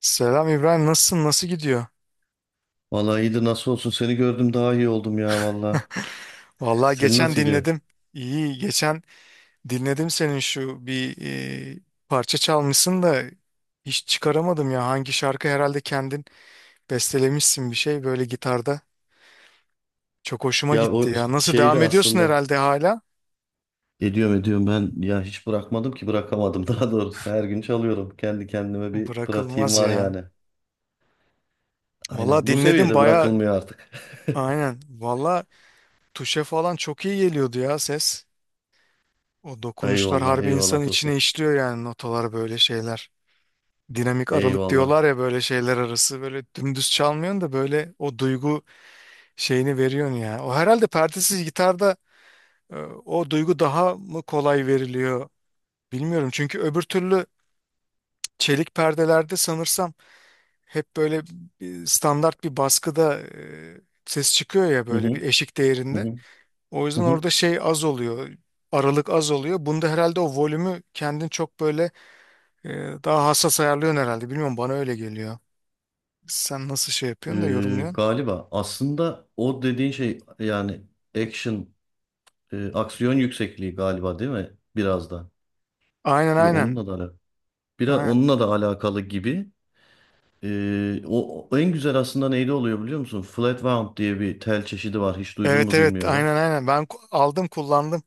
Selam İbrahim, nasılsın? Nasıl gidiyor? Vallahi iyidir, nasıl olsun? Seni gördüm daha iyi oldum ya vallahi. Vallahi Senin nasıl geçen gidiyor? dinledim. İyi, geçen dinledim senin şu bir e, parça çalmışsın da hiç çıkaramadım ya. Hangi şarkı herhalde kendin bestelemişsin bir şey böyle gitarda. Çok hoşuma Ya gitti o ya. Nasıl şeydi devam ediyorsun aslında. herhalde hala? Ediyorum ben ya, hiç bırakmadım ki, bırakamadım daha doğrusu. Her gün çalıyorum. Kendi kendime bir pratiğim Bırakılmaz var ya. yani. Vallahi Aynen, bu dinledim seviyede baya. bırakılmıyor artık. Aynen. Vallahi tuşe falan çok iyi geliyordu ya ses. O dokunuşlar Eyvallah harbi eyvallah insanın içine dostum. işliyor yani notalar böyle şeyler. Dinamik aralık Eyvallah. diyorlar ya böyle şeyler arası böyle dümdüz çalmıyorsun da böyle o duygu şeyini veriyorsun ya. O herhalde perdesiz gitarda e, o duygu daha mı kolay veriliyor bilmiyorum. Çünkü öbür türlü çelik perdelerde sanırsam hep böyle bir standart bir baskıda ses çıkıyor ya Hı böyle bir hı, eşik hı değerinde. hı, O hı yüzden hı. orada şey az oluyor. Aralık az oluyor. Bunda herhalde o volümü kendin çok böyle e, daha hassas ayarlıyorsun herhalde. Bilmiyorum bana öyle geliyor. Sen nasıl şey yapıyorsun da yorumluyorsun? Galiba aslında o dediğin şey yani action, aksiyon yüksekliği galiba, değil mi? Biraz da. Aynen Yo, aynen. onunla da alakalı. Biraz Aynen. onunla da alakalı gibi. O, o en güzel aslında neyde oluyor, biliyor musun? Flatwound diye bir tel çeşidi var. Hiç duydun Evet mu, evet bilmiyorum. aynen aynen. Ben ku- aldım kullandım.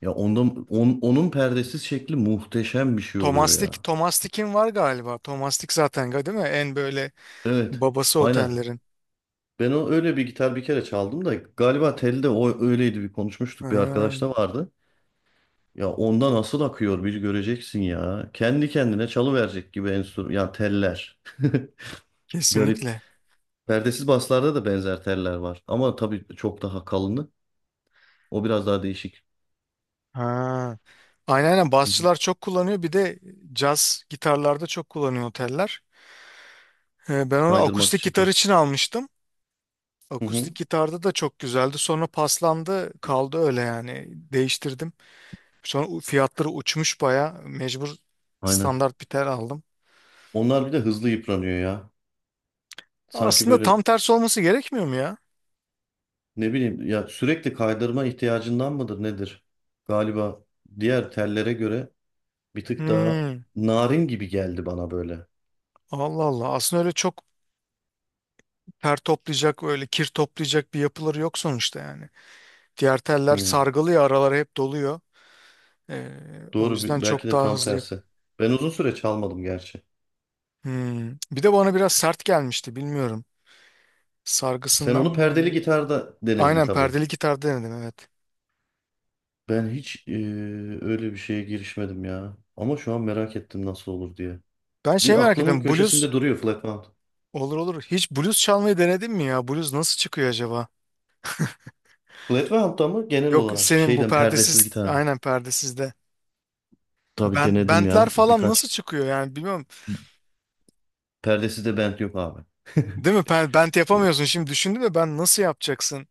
Ya onda onun perdesiz şekli muhteşem bir şey oluyor Tomastik, ya. Tomastik'in var galiba. Tomastik zaten ga- değil mi? En böyle Evet. babası Aynen. otellerin. Ben o öyle bir gitar bir kere çaldım da galiba telde o öyleydi, bir konuşmuştuk, bir arkadaş Ha, da vardı. Ya onda nasıl akıyor bir göreceksin ya. Kendi kendine çalıverecek gibi enstrüman ya, teller. Garip. kesinlikle. Perdesiz baslarda da benzer teller var ama tabii çok daha kalını. O biraz daha değişik. Ha. Aynen aynen. Basçılar çok kullanıyor. Bir de caz gitarlarda çok kullanıyor oteller. Ben onu Kaydırmak akustik için gitar tam. için almıştım. Hı hı. Akustik gitarda da çok güzeldi. Sonra paslandı, kaldı öyle yani. Değiştirdim. Sonra u- fiyatları uçmuş baya. Mecbur Aynen. standart bir tel aldım. Onlar bir de hızlı yıpranıyor ya. Sanki Aslında böyle, tam tersi olması gerekmiyor mu ya? ne bileyim ya, sürekli kaydırma ihtiyacından mıdır nedir? Galiba diğer tellere göre bir tık daha Hmm. narin gibi geldi bana böyle. Allah Allah. Aslında öyle çok ter toplayacak, öyle kir toplayacak bir yapıları yok sonuçta yani. Diğer teller Hı. sargılı ya araları hep doluyor. O Doğru, yüzden belki çok de daha tam hızlı. Yap- tersi. Ben uzun süre çalmadım gerçi. hmm. Bir de bana biraz sert gelmişti bilmiyorum. Sen Sargısından onu mı perdeli hani? gitarda denedin Aynen tabii. perdeli gitar denedim evet. Ben hiç öyle bir şeye girişmedim ya. Ama şu an merak ettim nasıl olur diye. Ben şey Bir merak aklımın ediyorum. Blues köşesinde duruyor flat. olur olur. Hiç blues çalmayı denedin mi ya? Blues nasıl çıkıyor acaba? Flatland'da mı genel Yok olarak? senin bu Şeyden, perdesiz perdesiz gitar mı? aynen perdesiz de. Tabii Bent, denedim bentler ya. falan nasıl Birkaç çıkıyor yani bilmiyorum. perdesiz de bent yok abi. Değil mi? Ben- bent yapamıyorsun. Şimdi düşündüm de ben nasıl yapacaksın?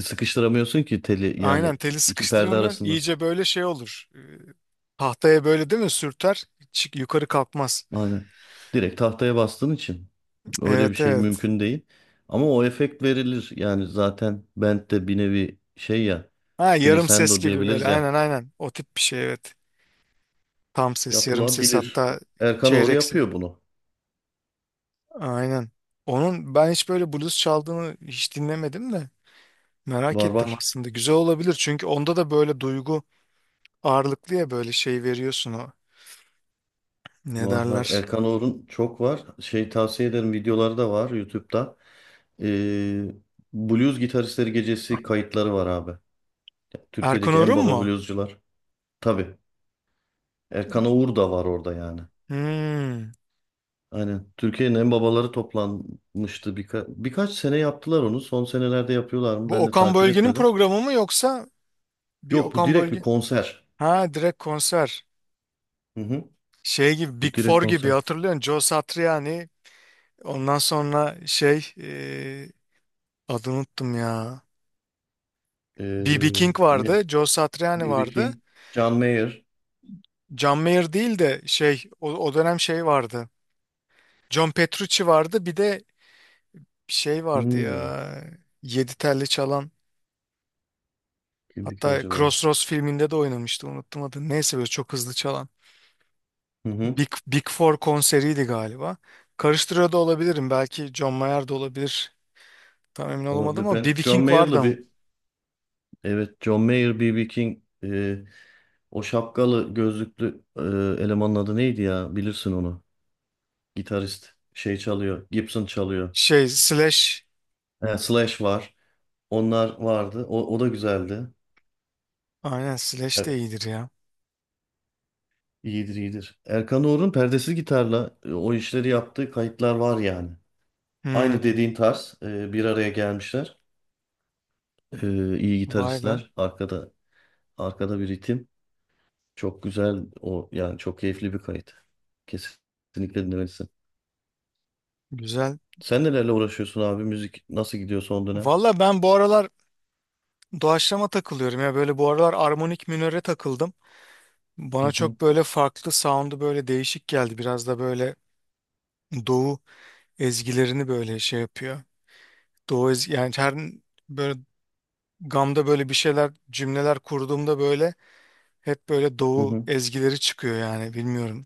Sıkıştıramıyorsun ki teli, yani Aynen teli iki perde sıkıştıramıyorsun. arasındasın. İyice böyle şey olur. Tahtaya böyle değil mi sürter? Çık, yukarı kalkmaz. Aynen. Direkt tahtaya bastığın için öyle bir Evet şey evet. mümkün değil. Ama o efekt verilir. Yani zaten bent de bir nevi şey ya, Ha yarım ses glissando gibi diyebiliriz böyle. ya. Aynen aynen. O tip bir şey evet. Tam ses, yarım ses Yapılabilir. hatta Erkan Oğur çeyrek ses. yapıyor bunu. Aynen. Onun ben hiç böyle blues çaldığını hiç dinlemedim de. Merak Var ettim var. aslında. Güzel olabilir çünkü onda da böyle duygu ağırlıklı ya böyle şey veriyorsun o. Ne Var var. derler? Erkan Oğur'un çok var. Şey, tavsiye ederim, videoları da var YouTube'da. Ee, Blues Gitaristleri Gecesi kayıtları var abi. Erkan Türkiye'deki en Orhun baba mu? bluescular. Tabii. Erkan Oğur da var orada yani. Hmm. Aynen. Türkiye'nin en babaları toplanmıştı. Birkaç sene yaptılar onu. Son senelerde yapıyorlar mı? Bu Ben de Okan takip Bölge'nin etmedim. programı mı yoksa bir Yok, bu Okan direkt bir Bölge? konser. Ha direkt konser. Hı hı. Şey gibi Bu Big direkt Four gibi konser. hatırlıyorsun. Joe Satriani. Ondan sonra şey adını unuttum ya. Ee, B.B. King Ne? vardı. Joe Satriani B.B. vardı. King, John Mayer. John Mayer değil de şey o, o dönem şey vardı. John Petrucci vardı. Bir de şey vardı Hmm. ya. Yedi telli çalan. Kimdi ki Hatta acaba? Crossroads filminde de oynamıştı unuttum adını. Neyse böyle çok hızlı çalan. Hı hı. Big, Big Four konseriydi galiba. Karıştırıyor da olabilirim. Belki John Mayer de olabilir. Tam emin olamadım Olabilir. ama Ben B B John King vardı Mayer'lı ama. bir, evet, John Mayer, B.B. King, o şapkalı gözlüklü, elemanın adı neydi ya? Bilirsin onu. Gitarist. Şey çalıyor. Gibson çalıyor. Şey Slash. He, Slash var. Onlar vardı. O, o da güzeldi. Aynen Slash de Evet, iyidir ya. iyidir iyidir. Erkan Oğur'un perdesiz gitarla o işleri yaptığı kayıtlar var yani. Aynı Hmm, dediğin tarz, bir araya gelmişler. E, iyi vay be. gitaristler. Arkada bir ritim. Çok güzel o, yani çok keyifli bir kayıt. Kesinlikle dinlemelisin. Güzel. Sen nelerle uğraşıyorsun abi? Müzik nasıl gidiyor son dönem? Valla ben bu aralar doğaçlama takılıyorum ya. Böyle bu aralar armonik minöre takıldım. Hı Bana hı, çok böyle farklı sound'u böyle değişik geldi. Biraz da böyle doğu ezgilerini böyle şey yapıyor. Doğu ezgi- yani her böyle gamda böyle bir şeyler cümleler kurduğumda böyle hep böyle hı doğu hı. ezgileri çıkıyor yani bilmiyorum.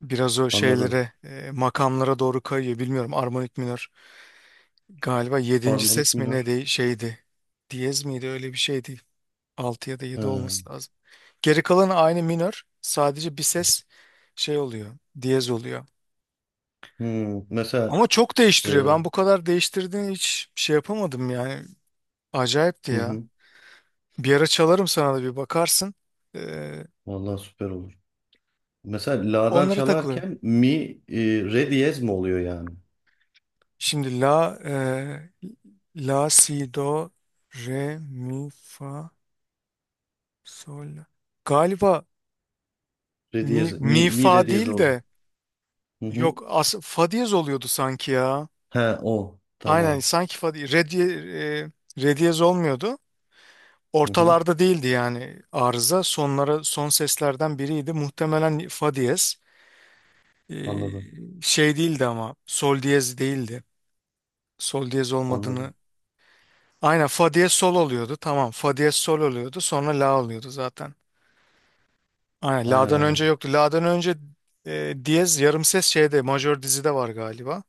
Biraz o Anladım. şeylere makamlara doğru kayıyor bilmiyorum armonik minör. Galiba yedinci Harmonik ses mi ne minör. de şeydi. Diyez miydi öyle bir şeydi. Altı ya da yedi Ha. olması lazım. Geri kalanı aynı minör. Sadece bir ses şey oluyor. Diyez oluyor. Hı. Mesela, Ama çok değiştiriyor. e, Ben bu kadar değiştirdiğini hiç şey yapamadım yani. Acayipti hı ya. hı. Bir ara çalarım sana da bir bakarsın. Ee, Vallahi süper olur. Mesela la'dan onlara takılın. çalarken mi re diyez mi oluyor yani? Şimdi la la si do re mi fa sol. La. Galiba Re diyez, mi, mi, mi re fa diyez değil olacak. de Hı yok hı. as fa diyez oluyordu sanki ya. He o. Aynen Tamam. sanki fa di- re diye re diyez olmuyordu. Hı hı. Ortalarda değildi yani arıza. Sonlara son seslerden biriydi. Muhtemelen fa diyez. Ee, Anladım. şey değildi ama sol diyez değildi. Sol diyez olmadığını Anladım. aynen fa diye sol oluyordu. Tamam fa diye sol oluyordu. Sonra la oluyordu zaten. Aynen Aynen la'dan önce aynen. yoktu. La'dan önce diyez yarım ses şeyde majör dizide var galiba.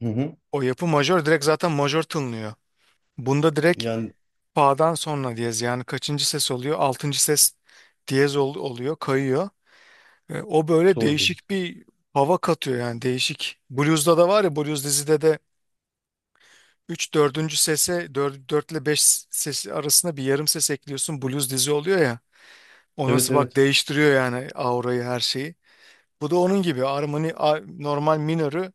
Hı hı. O yapı majör direkt zaten majör tınlıyor. Bunda direkt Yani fa'dan sonra diyez yani kaçıncı ses oluyor? Altıncı ses diyez ol- oluyor kayıyor. E, o böyle sol değil. değişik bir hava katıyor yani değişik. Blues'da da var ya blues dizide de 3 dördüncü sese 4, ile 5 sesi arasında bir yarım ses ekliyorsun blues dizi oluyor ya. O Evet nasıl bak evet. değiştiriyor yani aurayı her şeyi. Bu da onun gibi armoni a- normal minörü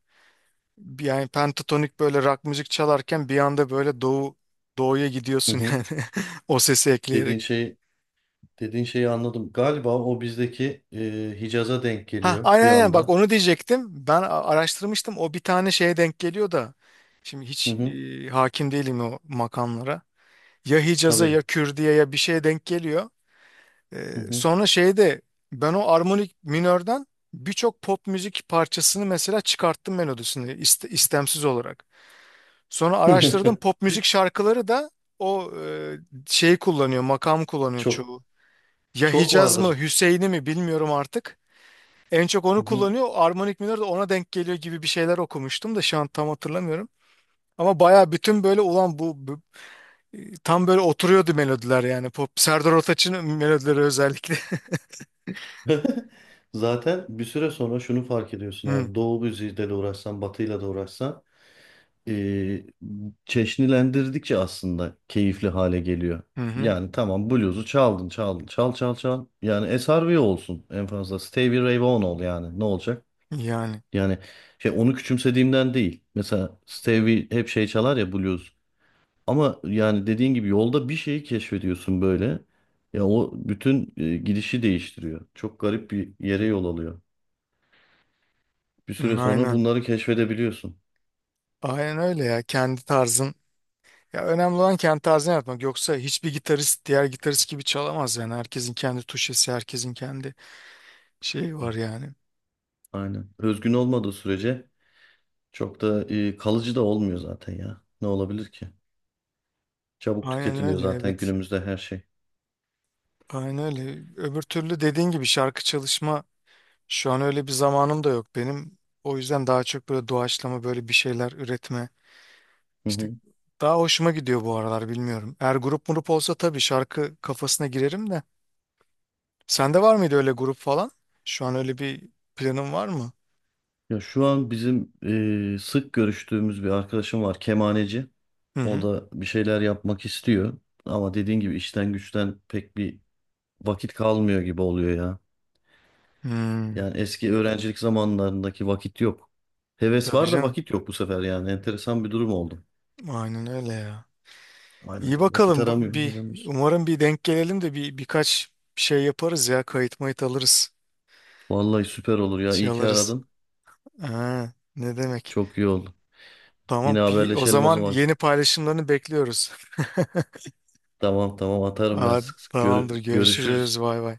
yani pentatonik böyle rock müzik çalarken bir anda böyle doğu doğuya Hı gidiyorsun hı. yani o sesi ekleyerek. Dediğin şey Dediğin şeyi anladım. Galiba o bizdeki Hicaz'a denk Ha geliyor aynen bir aynen bak anda. onu diyecektim. Ben a- araştırmıştım o bir tane şeye denk geliyor da şimdi Hı hiç hı. Hakim değilim o makamlara. Ya Hicaz'a Tabii. ya Kürdiye ya bir şeye denk geliyor. Hı hı. Sonra şeyde ben o armonik minörden birçok pop müzik parçasını mesela çıkarttım melodisini iste- istemsiz olarak. Sonra araştırdım pop müzik şarkıları da o şeyi kullanıyor, makam kullanıyor Çok, çoğu. Ya çok Hicaz mı, vardır. Hüseyin'i mi bilmiyorum artık. En çok Hı onu hı. kullanıyor. Armonik minör de ona denk geliyor gibi bir şeyler okumuştum da şu an tam hatırlamıyorum. Ama baya bütün böyle ulan bu, bu- tam böyle oturuyordu melodiler yani pop Serdar Ortaç'ın melodileri özellikle. Zaten bir süre sonra şunu fark ediyorsun Hı abi. Doğu müziğiyle de uğraşsan, batıyla da uğraşsan, e, çeşnilendirdikçe aslında keyifli hale geliyor. hı, hı. Yani tamam, bluzu çaldın, çaldın. Çal çal çal. Yani SRV olsun en fazla. Stevie Ray Vaughan ol yani. Ne olacak? Yani Yani şey, onu küçümsediğimden değil. Mesela Stevie hep şey çalar ya, blues. Ama yani dediğin gibi yolda bir şeyi keşfediyorsun böyle. Ya o bütün gidişi değiştiriyor. Çok garip bir yere yol alıyor. Bir hı, süre sonra aynen. bunları keşfedebiliyorsun. Aynen öyle ya. Kendi tarzın. Ya önemli olan kendi tarzını yapmak. Yoksa hiçbir gitarist diğer gitarist gibi çalamaz yani. Herkesin kendi tuşesi, herkesin kendi şeyi var yani. Aynen. Özgün olmadığı sürece çok da kalıcı da olmuyor zaten ya. Ne olabilir ki? Çabuk Aynen tüketiliyor öyle zaten evet. günümüzde her şey. Aynen öyle. Öbür türlü dediğin gibi şarkı çalışma şu an öyle bir zamanım da yok benim. O yüzden daha çok böyle doğaçlama böyle bir şeyler üretme. İşte daha hoşuma gidiyor bu aralar bilmiyorum. Eğer grup murup olsa tabii şarkı kafasına girerim de. Sende var mıydı öyle grup falan? Şu an öyle bir planın var mı? Ya şu an bizim sık görüştüğümüz bir arkadaşım var, kemaneci. Hı O hı. da bir şeyler yapmak istiyor. Ama dediğin gibi işten güçten pek bir vakit kalmıyor gibi oluyor ya. Hmm, Yani eski öğrencilik zamanlarındaki vakit yok. Heves tabii var da canım. vakit yok bu sefer yani. Enteresan bir durum oldu. Aynen öyle ya. Aynen, İyi aynen. Vakit bakalım. Bu- aramıyor, bir, aramıyoruz. umarım bir denk gelelim de bir birkaç şey yaparız ya. Kayıt mayıt alırız. Vallahi süper olur ya. Şey İyi ki alırız. aradın. Ha, ne demek? Çok iyi oldu. Tamam. Yine Bir, o haberleşelim o zaman zaman. yeni paylaşımlarını bekliyoruz. Tamam tamam, atarım ben Aa, sık sık. tamamdır. Görüşürüz. Görüşürüz. Bay bay.